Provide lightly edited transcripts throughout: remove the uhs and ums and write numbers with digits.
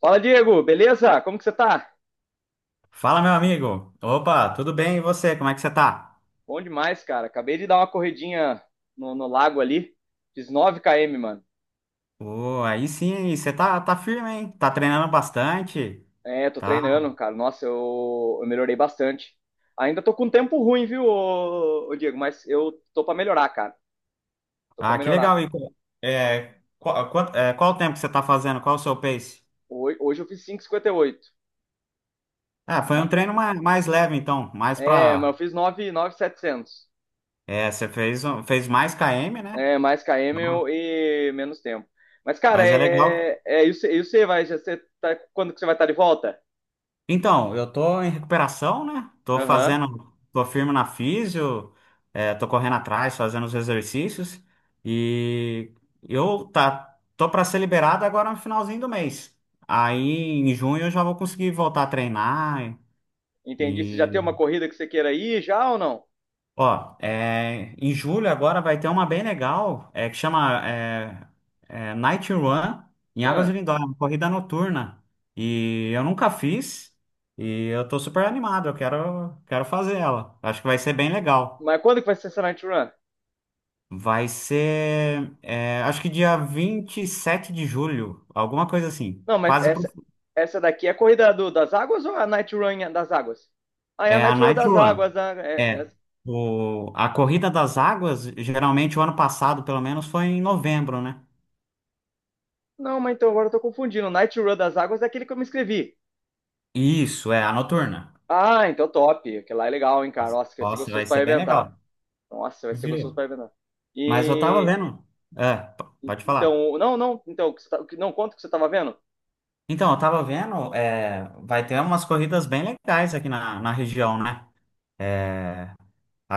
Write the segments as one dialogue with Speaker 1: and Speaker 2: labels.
Speaker 1: Fala, Diego, beleza? Como que você tá?
Speaker 2: Fala, meu amigo. Opa, tudo bem? E você? Como é que você tá?
Speaker 1: Bom demais, cara. Acabei de dar uma corridinha no lago ali. Fiz 9 km, mano.
Speaker 2: Ô, aí sim, aí você tá firme, hein? Tá treinando bastante,
Speaker 1: É, tô
Speaker 2: tá?
Speaker 1: treinando, cara. Nossa, eu melhorei bastante. Ainda tô com um tempo ruim, viu, ô Diego? Mas eu tô pra melhorar, cara. Tô pra
Speaker 2: Ah, que
Speaker 1: melhorar.
Speaker 2: legal. E, qual o tempo que você tá fazendo? Qual o seu pace?
Speaker 1: Hoje eu fiz 5,58.
Speaker 2: Ah, foi um
Speaker 1: Ma-
Speaker 2: treino mais leve, então. Mais
Speaker 1: É, mas
Speaker 2: pra.
Speaker 1: eu fiz 9, 9,700.
Speaker 2: É, você fez mais km, né?
Speaker 1: É, mais
Speaker 2: Então,
Speaker 1: km e menos tempo. Mas, cara,
Speaker 2: mas é legal.
Speaker 1: é isso, é isso aí, vai. Já Você tá, quando que você vai estar de volta?
Speaker 2: Então, eu tô em recuperação, né? Tô
Speaker 1: Aham.
Speaker 2: fazendo, tô firme na físio, tô correndo atrás, fazendo os exercícios e eu tô para ser liberado agora no finalzinho do mês. Aí em junho eu já vou conseguir voltar a treinar
Speaker 1: Entendi. Você já tem
Speaker 2: e
Speaker 1: uma corrida que você queira ir já ou não?
Speaker 2: Ó, em julho agora vai ter uma bem legal, que chama Night Run, em Águas de
Speaker 1: Hã?
Speaker 2: Lindóia, uma corrida noturna. E eu nunca fiz, e eu tô super animado, eu quero fazer ela. Acho que vai ser bem legal.
Speaker 1: Mas quando que vai ser essa Night Run?
Speaker 2: Vai ser, acho que dia 27 de julho, alguma coisa assim.
Speaker 1: Não, mas
Speaker 2: Quase pro.
Speaker 1: essa daqui é a corrida das águas ou a Night Run das águas? Ah, é a
Speaker 2: É a
Speaker 1: Night Run
Speaker 2: Night
Speaker 1: das
Speaker 2: Run.
Speaker 1: águas.
Speaker 2: É. O, a Corrida das Águas, geralmente o ano passado, pelo menos, foi em novembro, né?
Speaker 1: Não, mas então agora eu tô confundindo. Night Run das águas é aquele que eu me inscrevi.
Speaker 2: Isso, é a noturna.
Speaker 1: Ah, então top. Aquele lá é legal, hein, cara. Nossa, vai ser
Speaker 2: Nossa,
Speaker 1: gostoso
Speaker 2: vai
Speaker 1: pra
Speaker 2: ser bem
Speaker 1: arrebentar.
Speaker 2: legal.
Speaker 1: Nossa, vai ser gostoso
Speaker 2: Viu?
Speaker 1: pra arrebentar.
Speaker 2: Mas eu tava
Speaker 1: E...
Speaker 2: vendo. É, pode falar.
Speaker 1: Então, não, não. Então, o que você tá- o que- não, conta o que você tava vendo.
Speaker 2: Então, eu tava vendo, vai ter umas corridas bem legais aqui na região, né?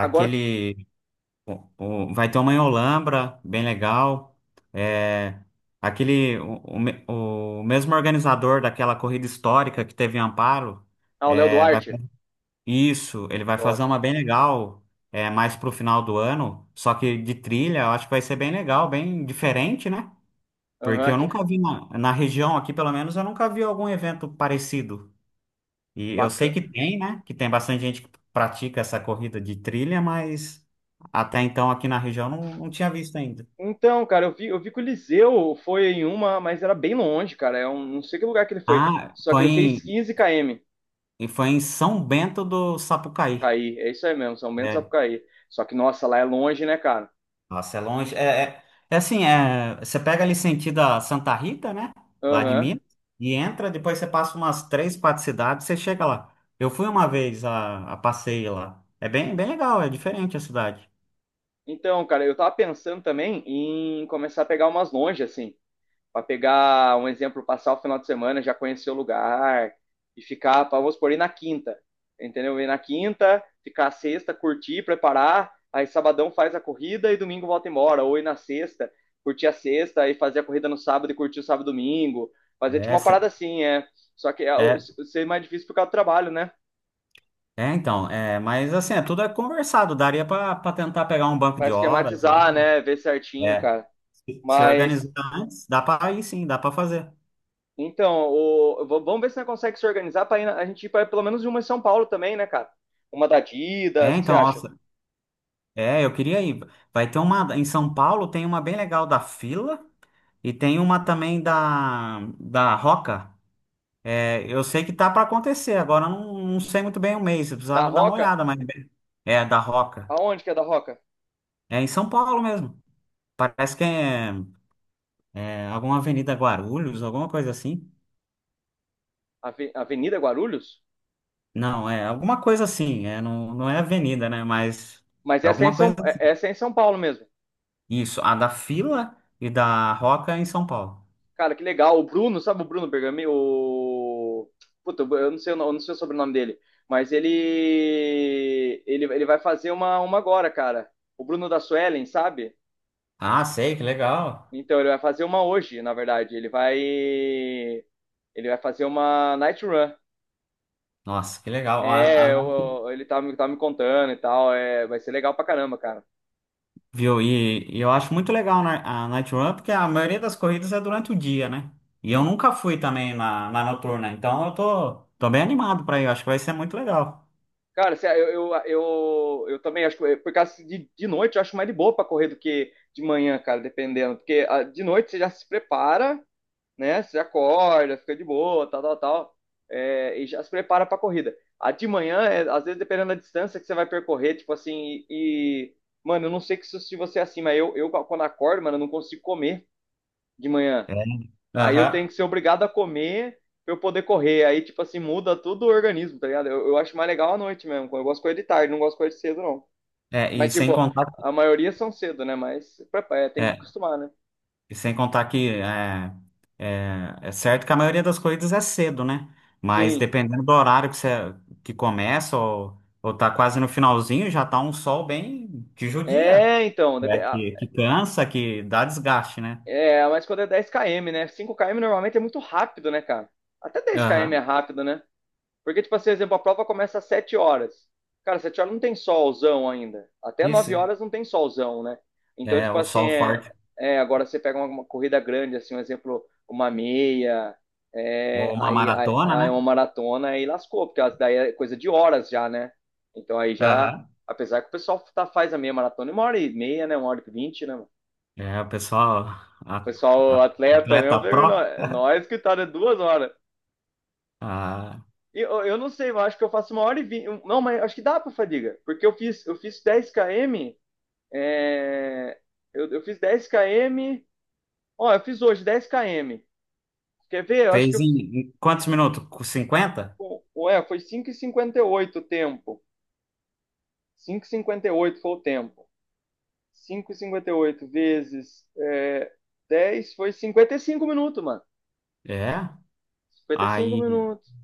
Speaker 1: Agora,
Speaker 2: Vai ter uma em Olambra, bem legal. É, aquele. O mesmo organizador daquela corrida histórica que teve em Amparo,
Speaker 1: ah, o Léo
Speaker 2: é, vai
Speaker 1: Duarte.
Speaker 2: Isso, ele vai fazer
Speaker 1: Top.
Speaker 2: uma bem legal, mais pro final do ano, só que de trilha, eu acho que vai ser bem legal, bem diferente, né? Porque
Speaker 1: Aham.
Speaker 2: eu nunca vi na região aqui, pelo menos, eu nunca vi algum evento parecido. E eu sei
Speaker 1: Baca-
Speaker 2: que tem, né? Que tem bastante gente que pratica essa corrida de trilha, mas até então aqui na região não tinha visto ainda.
Speaker 1: Então, cara, eu vi que o Liseu foi em uma, mas era bem longe, cara. Não sei que lugar que ele foi.
Speaker 2: Ah,
Speaker 1: Só que ele fez 15 km.
Speaker 2: foi em São Bento do Sapucaí.
Speaker 1: Cair, é isso aí mesmo, São Bento do
Speaker 2: É,
Speaker 1: Sapucaí. Só que, nossa, lá é longe, né, cara?
Speaker 2: nossa, é longe. É assim, você pega ali sentido a Santa Rita, né? Lá de
Speaker 1: Aham.
Speaker 2: Minas, e entra, depois você passa umas três, quatro cidades, você chega lá. Eu fui uma vez a passeio lá. É bem, bem legal, é diferente a cidade.
Speaker 1: Então, cara, eu tava pensando também em começar a pegar umas longe, assim. Para pegar um exemplo, passar o final de semana, já conhecer o lugar e ficar, pra, vamos supor, ir na quinta, entendeu? Ir na quinta, ficar a sexta, curtir, preparar, aí sabadão faz a corrida e domingo volta embora, ou ir na sexta, curtir a sexta e fazer a corrida no sábado e curtir o sábado e domingo, fazer tipo
Speaker 2: É,
Speaker 1: uma
Speaker 2: cê-
Speaker 1: parada assim, é. Só que é,
Speaker 2: é,
Speaker 1: ser é mais difícil por causa do trabalho, né?
Speaker 2: então, mas assim, tudo é conversado. Daria pra tentar pegar um banco
Speaker 1: Pra
Speaker 2: de horas lá.
Speaker 1: esquematizar, né? Ver certinho,
Speaker 2: É,
Speaker 1: cara.
Speaker 2: se
Speaker 1: Mas...
Speaker 2: organizar antes, dá pra ir sim, dá pra fazer.
Speaker 1: Então, vamos ver se nós consegue se organizar para a gente ir para pelo menos uma em São Paulo também, né, cara? Uma da
Speaker 2: É,
Speaker 1: Adidas, o que você
Speaker 2: então,
Speaker 1: acha?
Speaker 2: nossa, eu queria ir. Vai ter uma, em São Paulo tem uma bem legal da Fila. E tem uma também da Roca. É, eu sei que tá para acontecer, agora eu não sei muito bem o mês, eu
Speaker 1: Da
Speaker 2: precisava dar uma
Speaker 1: Roca?
Speaker 2: olhada, mas é da Roca.
Speaker 1: Aonde que é da Roca?
Speaker 2: É em São Paulo mesmo. Parece que é alguma Avenida Guarulhos, alguma coisa assim.
Speaker 1: Avenida Guarulhos?
Speaker 2: Não, é alguma coisa assim. É, não é avenida, né? Mas
Speaker 1: Mas
Speaker 2: é
Speaker 1: essa é em
Speaker 2: alguma
Speaker 1: São,
Speaker 2: coisa assim.
Speaker 1: essa é em São Paulo mesmo.
Speaker 2: Isso, a da Fila e da Roca em São Paulo.
Speaker 1: Cara, que legal. O Bruno, sabe o Bruno Bergami? O... Puta, eu não sei, o no- eu não sei o sobrenome dele. Mas ele vai fazer uma, agora, cara. O Bruno da Suelen, sabe?
Speaker 2: Ah, sei, que legal.
Speaker 1: Então, ele vai fazer uma hoje, na verdade. Ele vai. Ele vai fazer uma night run.
Speaker 2: Nossa, que legal.
Speaker 1: É,
Speaker 2: A,
Speaker 1: ele tá, tá me contando e tal. É, vai ser legal pra caramba, cara.
Speaker 2: viu? E eu acho muito legal a Night Run, porque a maioria das corridas é durante o dia, né? E eu nunca fui também na noturna, então eu tô bem animado pra ir, eu acho que vai ser muito legal.
Speaker 1: Cara, eu também acho que, por causa de noite, eu acho mais de boa pra correr do que de manhã, cara, dependendo. Porque ah, de noite você já se prepara, né? Você acorda, fica de boa, tal, tal, tal, é, e já se prepara para a corrida. A de manhã, é, às vezes, dependendo da distância que você vai percorrer, tipo assim, mano, eu não sei que se você é assim, mas eu quando acordo, mano, eu não consigo comer de manhã.
Speaker 2: É.
Speaker 1: Aí eu
Speaker 2: Aham.
Speaker 1: tenho que ser obrigado a comer pra eu poder correr. Aí, tipo assim, muda todo o organismo, tá ligado? Eu acho mais legal à noite mesmo. Eu gosto de correr de tarde, não gosto de correr de cedo, não.
Speaker 2: É, e
Speaker 1: Mas,
Speaker 2: sem
Speaker 1: tipo,
Speaker 2: contar,
Speaker 1: a maioria são cedo, né? Mas é, tem que
Speaker 2: é,
Speaker 1: acostumar, né?
Speaker 2: e sem contar É certo que a maioria das corridas é cedo, né? Mas
Speaker 1: Sim.
Speaker 2: dependendo do horário que começa ou tá quase no finalzinho, já tá um sol bem que judia.
Speaker 1: É, então,
Speaker 2: É, que cansa, que dá desgaste, né?
Speaker 1: é, mas quando é 10 km, né? 5 km normalmente é muito rápido, né, cara? Até 10 km
Speaker 2: Aham.
Speaker 1: é rápido, né? Porque, tipo, assim, exemplo, a prova começa às 7h. Cara, 7h não tem solzão ainda. Até
Speaker 2: Isso,
Speaker 1: 9h não tem solzão, né? Então,
Speaker 2: é
Speaker 1: tipo
Speaker 2: o
Speaker 1: assim,
Speaker 2: sol forte.
Speaker 1: agora você pega uma, corrida grande, assim, um exemplo, uma meia,
Speaker 2: Ou
Speaker 1: é,
Speaker 2: uma
Speaker 1: aí, aí,
Speaker 2: maratona,
Speaker 1: aí
Speaker 2: né?
Speaker 1: uma maratona, aí lascou, porque daí é coisa de horas já, né? Então aí já,
Speaker 2: Aham.
Speaker 1: apesar que o pessoal tá, faz a meia maratona em 1h30, né? 1h20, né?
Speaker 2: É, o pessoal,
Speaker 1: O
Speaker 2: a- a-
Speaker 1: pessoal atleta mesmo,
Speaker 2: atleta
Speaker 1: falei,
Speaker 2: pró,
Speaker 1: Nós que tá de 2 horas."
Speaker 2: ah,
Speaker 1: E eu não sei, eu acho que eu faço 1h20. Não, mas acho que dá pra fadiga. Porque eu fiz 10 km. é, eu fiz 10 km. Ó, eu fiz hoje 10 km. Quer ver? Eu acho que
Speaker 2: fez
Speaker 1: eu,
Speaker 2: em quantos minutos? Com 50?
Speaker 1: ué, foi 5,58 o tempo. Cinco e cinquenta e oito foi o tempo. Cinco e cinquenta e oito vezes 10 foi 55 minutos, mano.
Speaker 2: É.
Speaker 1: 55
Speaker 2: Aí,
Speaker 1: minutos.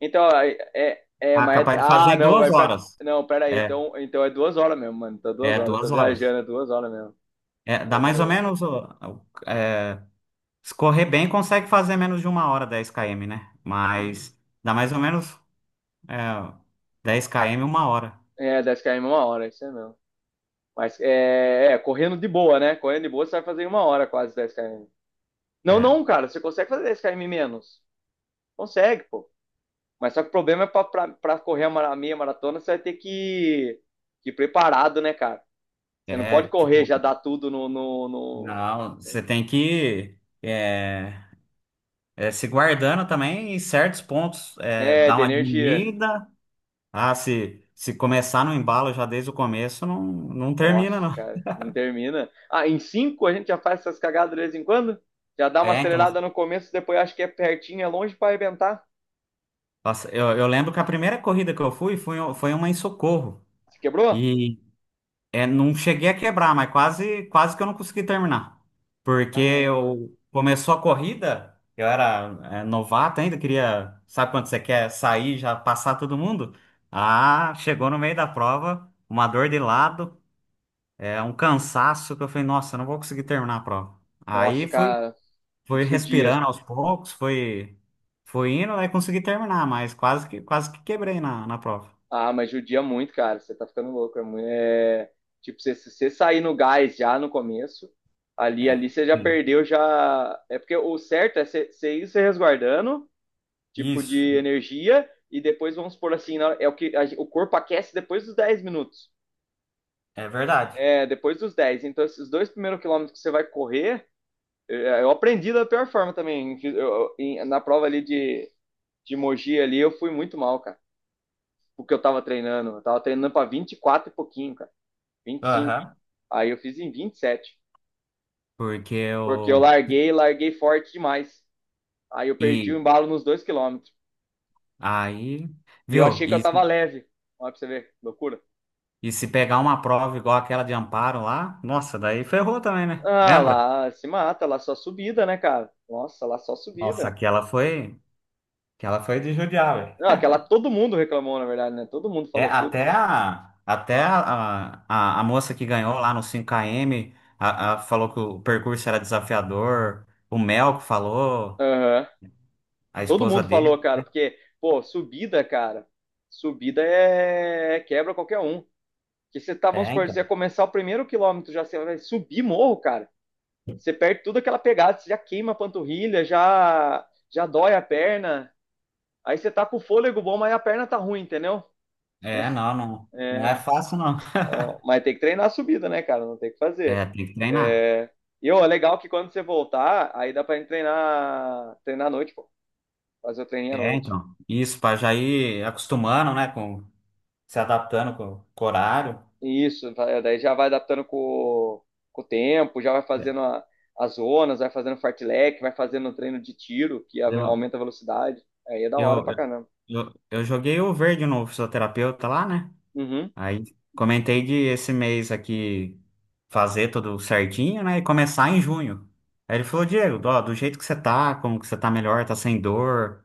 Speaker 1: Então, aí,
Speaker 2: capaz de fazer
Speaker 1: ah,
Speaker 2: em
Speaker 1: não,
Speaker 2: duas
Speaker 1: mas pera,
Speaker 2: horas.
Speaker 1: não, pera aí,
Speaker 2: É,
Speaker 1: então, é 2 horas mesmo, mano, tá duas
Speaker 2: é
Speaker 1: horas, tô
Speaker 2: 2 horas.
Speaker 1: viajando, é 2 horas mesmo,
Speaker 2: É, dá
Speaker 1: é
Speaker 2: mais
Speaker 1: duas
Speaker 2: ou
Speaker 1: horas.
Speaker 2: menos. Ó, ó. É, se correr bem, consegue fazer menos de uma hora 10 km, né? Mas dá mais ou menos é, 10 km, uma hora.
Speaker 1: É, 10 km uma hora, isso é mesmo. Mas correndo de boa, né? Correndo de boa, você vai fazer em 1 hora quase 10 km. Não,
Speaker 2: É,
Speaker 1: não, cara, você consegue fazer 10 km menos. Consegue, pô. Mas só que o problema é pra correr a a meia maratona, você vai ter que ir preparado, né, cara? Você não pode
Speaker 2: é
Speaker 1: correr,
Speaker 2: tipo.
Speaker 1: já dar tudo no...
Speaker 2: Não, você tem que se guardando também em certos pontos,
Speaker 1: É,
Speaker 2: dar
Speaker 1: de
Speaker 2: uma
Speaker 1: energia.
Speaker 2: diminuída. Ah, se começar no embalo já desde o começo, não termina,
Speaker 1: Nossa,
Speaker 2: não.
Speaker 1: cara, não termina. Ah, em cinco a gente já faz essas cagadas de vez em quando? Já dá uma
Speaker 2: É, então,
Speaker 1: acelerada no começo, depois acho que é pertinho, é longe pra arrebentar.
Speaker 2: nossa, eu lembro que a primeira corrida que eu fui foi uma em Socorro.
Speaker 1: Se quebrou?
Speaker 2: É, não cheguei a quebrar, mas quase que eu não consegui terminar. Porque
Speaker 1: Caramba.
Speaker 2: eu começou a corrida, eu era novato ainda, queria, sabe quando você quer sair, já passar todo mundo? Ah, chegou no meio da prova, uma dor de lado, um cansaço que eu falei, nossa, eu não vou conseguir terminar a prova.
Speaker 1: Nossa,
Speaker 2: Aí fui,
Speaker 1: cara,
Speaker 2: fui
Speaker 1: judia.
Speaker 2: respirando aos poucos, fui indo, aí consegui terminar, mas quase que quebrei na prova.
Speaker 1: Ah, mas judia muito, cara. Você tá ficando louco. É, muito, é... Tipo, se você sair no gás já no começo, ali,
Speaker 2: É,
Speaker 1: ali você já
Speaker 2: sim.
Speaker 1: perdeu, já. É porque o certo é você ir se resguardando, tipo,
Speaker 2: Isso,
Speaker 1: de energia, e depois, vamos supor assim, na- é o que a gen- o corpo aquece depois dos 10 minutos.
Speaker 2: é verdade.
Speaker 1: É, depois dos 10. Então, esses dois primeiros quilômetros que você vai correr, eu aprendi da pior forma também. Na prova ali de Mogi ali, eu fui muito mal, cara. Porque eu tava treinando. Eu tava treinando pra 24 e quatro e pouquinho, cara. 25.
Speaker 2: Aham.
Speaker 1: Aí eu fiz em 27.
Speaker 2: Porque
Speaker 1: Porque eu
Speaker 2: eu.
Speaker 1: larguei forte demais. Aí eu perdi o
Speaker 2: E
Speaker 1: embalo nos 2 quilômetros.
Speaker 2: aí,
Speaker 1: E eu
Speaker 2: viu?
Speaker 1: achei que eu
Speaker 2: E,
Speaker 1: tava leve. Olha pra você ver, loucura.
Speaker 2: e se pegar uma prova igual aquela de Amparo lá, nossa, daí ferrou também, né?
Speaker 1: Ah,
Speaker 2: Lembra?
Speaker 1: lá se mata, lá só subida, né, cara? Nossa, lá só
Speaker 2: Nossa,
Speaker 1: subida.
Speaker 2: aquela foi. Aquela foi de judiar,
Speaker 1: Não,
Speaker 2: velho.
Speaker 1: aquela todo mundo reclamou, na verdade, né? Todo mundo
Speaker 2: É,
Speaker 1: falou, putz.
Speaker 2: até a moça que ganhou lá no 5 km falou que o percurso era desafiador. O Melco falou,
Speaker 1: Aham.
Speaker 2: a
Speaker 1: Todo
Speaker 2: esposa
Speaker 1: mundo falou,
Speaker 2: dele.
Speaker 1: cara, porque, pô, subida, cara, subida é quebra qualquer um. Que você tá, vamos
Speaker 2: É,
Speaker 1: supor,
Speaker 2: então.
Speaker 1: você ia começar o primeiro quilômetro, já você vai subir morro, cara. Você perde tudo aquela pegada, você já queima a panturrilha, já, já dói a perna. Aí você tá com o fôlego bom, mas a perna tá ruim, entendeu?
Speaker 2: É, não é fácil, não.
Speaker 1: Não, mas tem que treinar a subida, né, cara? Não tem o que fazer.
Speaker 2: É, tem que treinar.
Speaker 1: É... E, ó, é legal que quando você voltar, aí dá pra gente treinar, treinar à noite, pô. Fazer o treininho à
Speaker 2: É,
Speaker 1: noite.
Speaker 2: então. Isso, para já ir acostumando, né, se adaptando com o horário.
Speaker 1: Isso, tá, daí já vai adaptando com o tempo, já vai
Speaker 2: É,
Speaker 1: fazendo as zonas, vai fazendo fartlek, vai fazendo treino de tiro, que
Speaker 2: Eu,
Speaker 1: aumenta a velocidade. Aí é da hora
Speaker 2: eu,
Speaker 1: pra
Speaker 2: eu,
Speaker 1: caramba.
Speaker 2: eu joguei o verde no fisioterapeuta lá, né?
Speaker 1: Uhum,
Speaker 2: Aí comentei de esse mês aqui fazer tudo certinho, né? E começar em junho. Aí ele falou, Diego, ó, do jeito que você tá, como que você tá melhor, tá sem dor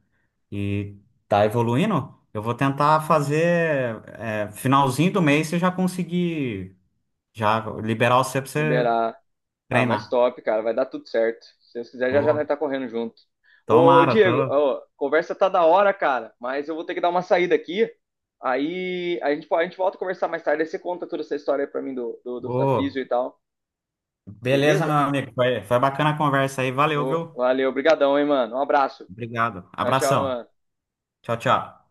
Speaker 2: e tá evoluindo, eu vou tentar fazer finalzinho do mês você já conseguir já liberar você pra você
Speaker 1: liberar. Ah, mas
Speaker 2: treinar.
Speaker 1: top, cara, vai dar tudo certo. Se Deus quiser, já já nós
Speaker 2: Pô,
Speaker 1: tá correndo junto. Ô,
Speaker 2: tomara,
Speaker 1: Diego,
Speaker 2: tô.
Speaker 1: ó, conversa tá da hora, cara, mas eu vou ter que dar uma saída aqui. Aí a gente, a gente volta a conversar mais tarde, aí você conta toda essa história aí pra mim da
Speaker 2: Ô,
Speaker 1: Físio e tal,
Speaker 2: beleza,
Speaker 1: beleza?
Speaker 2: meu amigo. Foi bacana a conversa aí. Valeu,
Speaker 1: Ô,
Speaker 2: viu?
Speaker 1: valeu, obrigadão hein, mano. Um abraço.
Speaker 2: Obrigado.
Speaker 1: Tchau, tchau,
Speaker 2: Abração.
Speaker 1: mano.
Speaker 2: Tchau, tchau.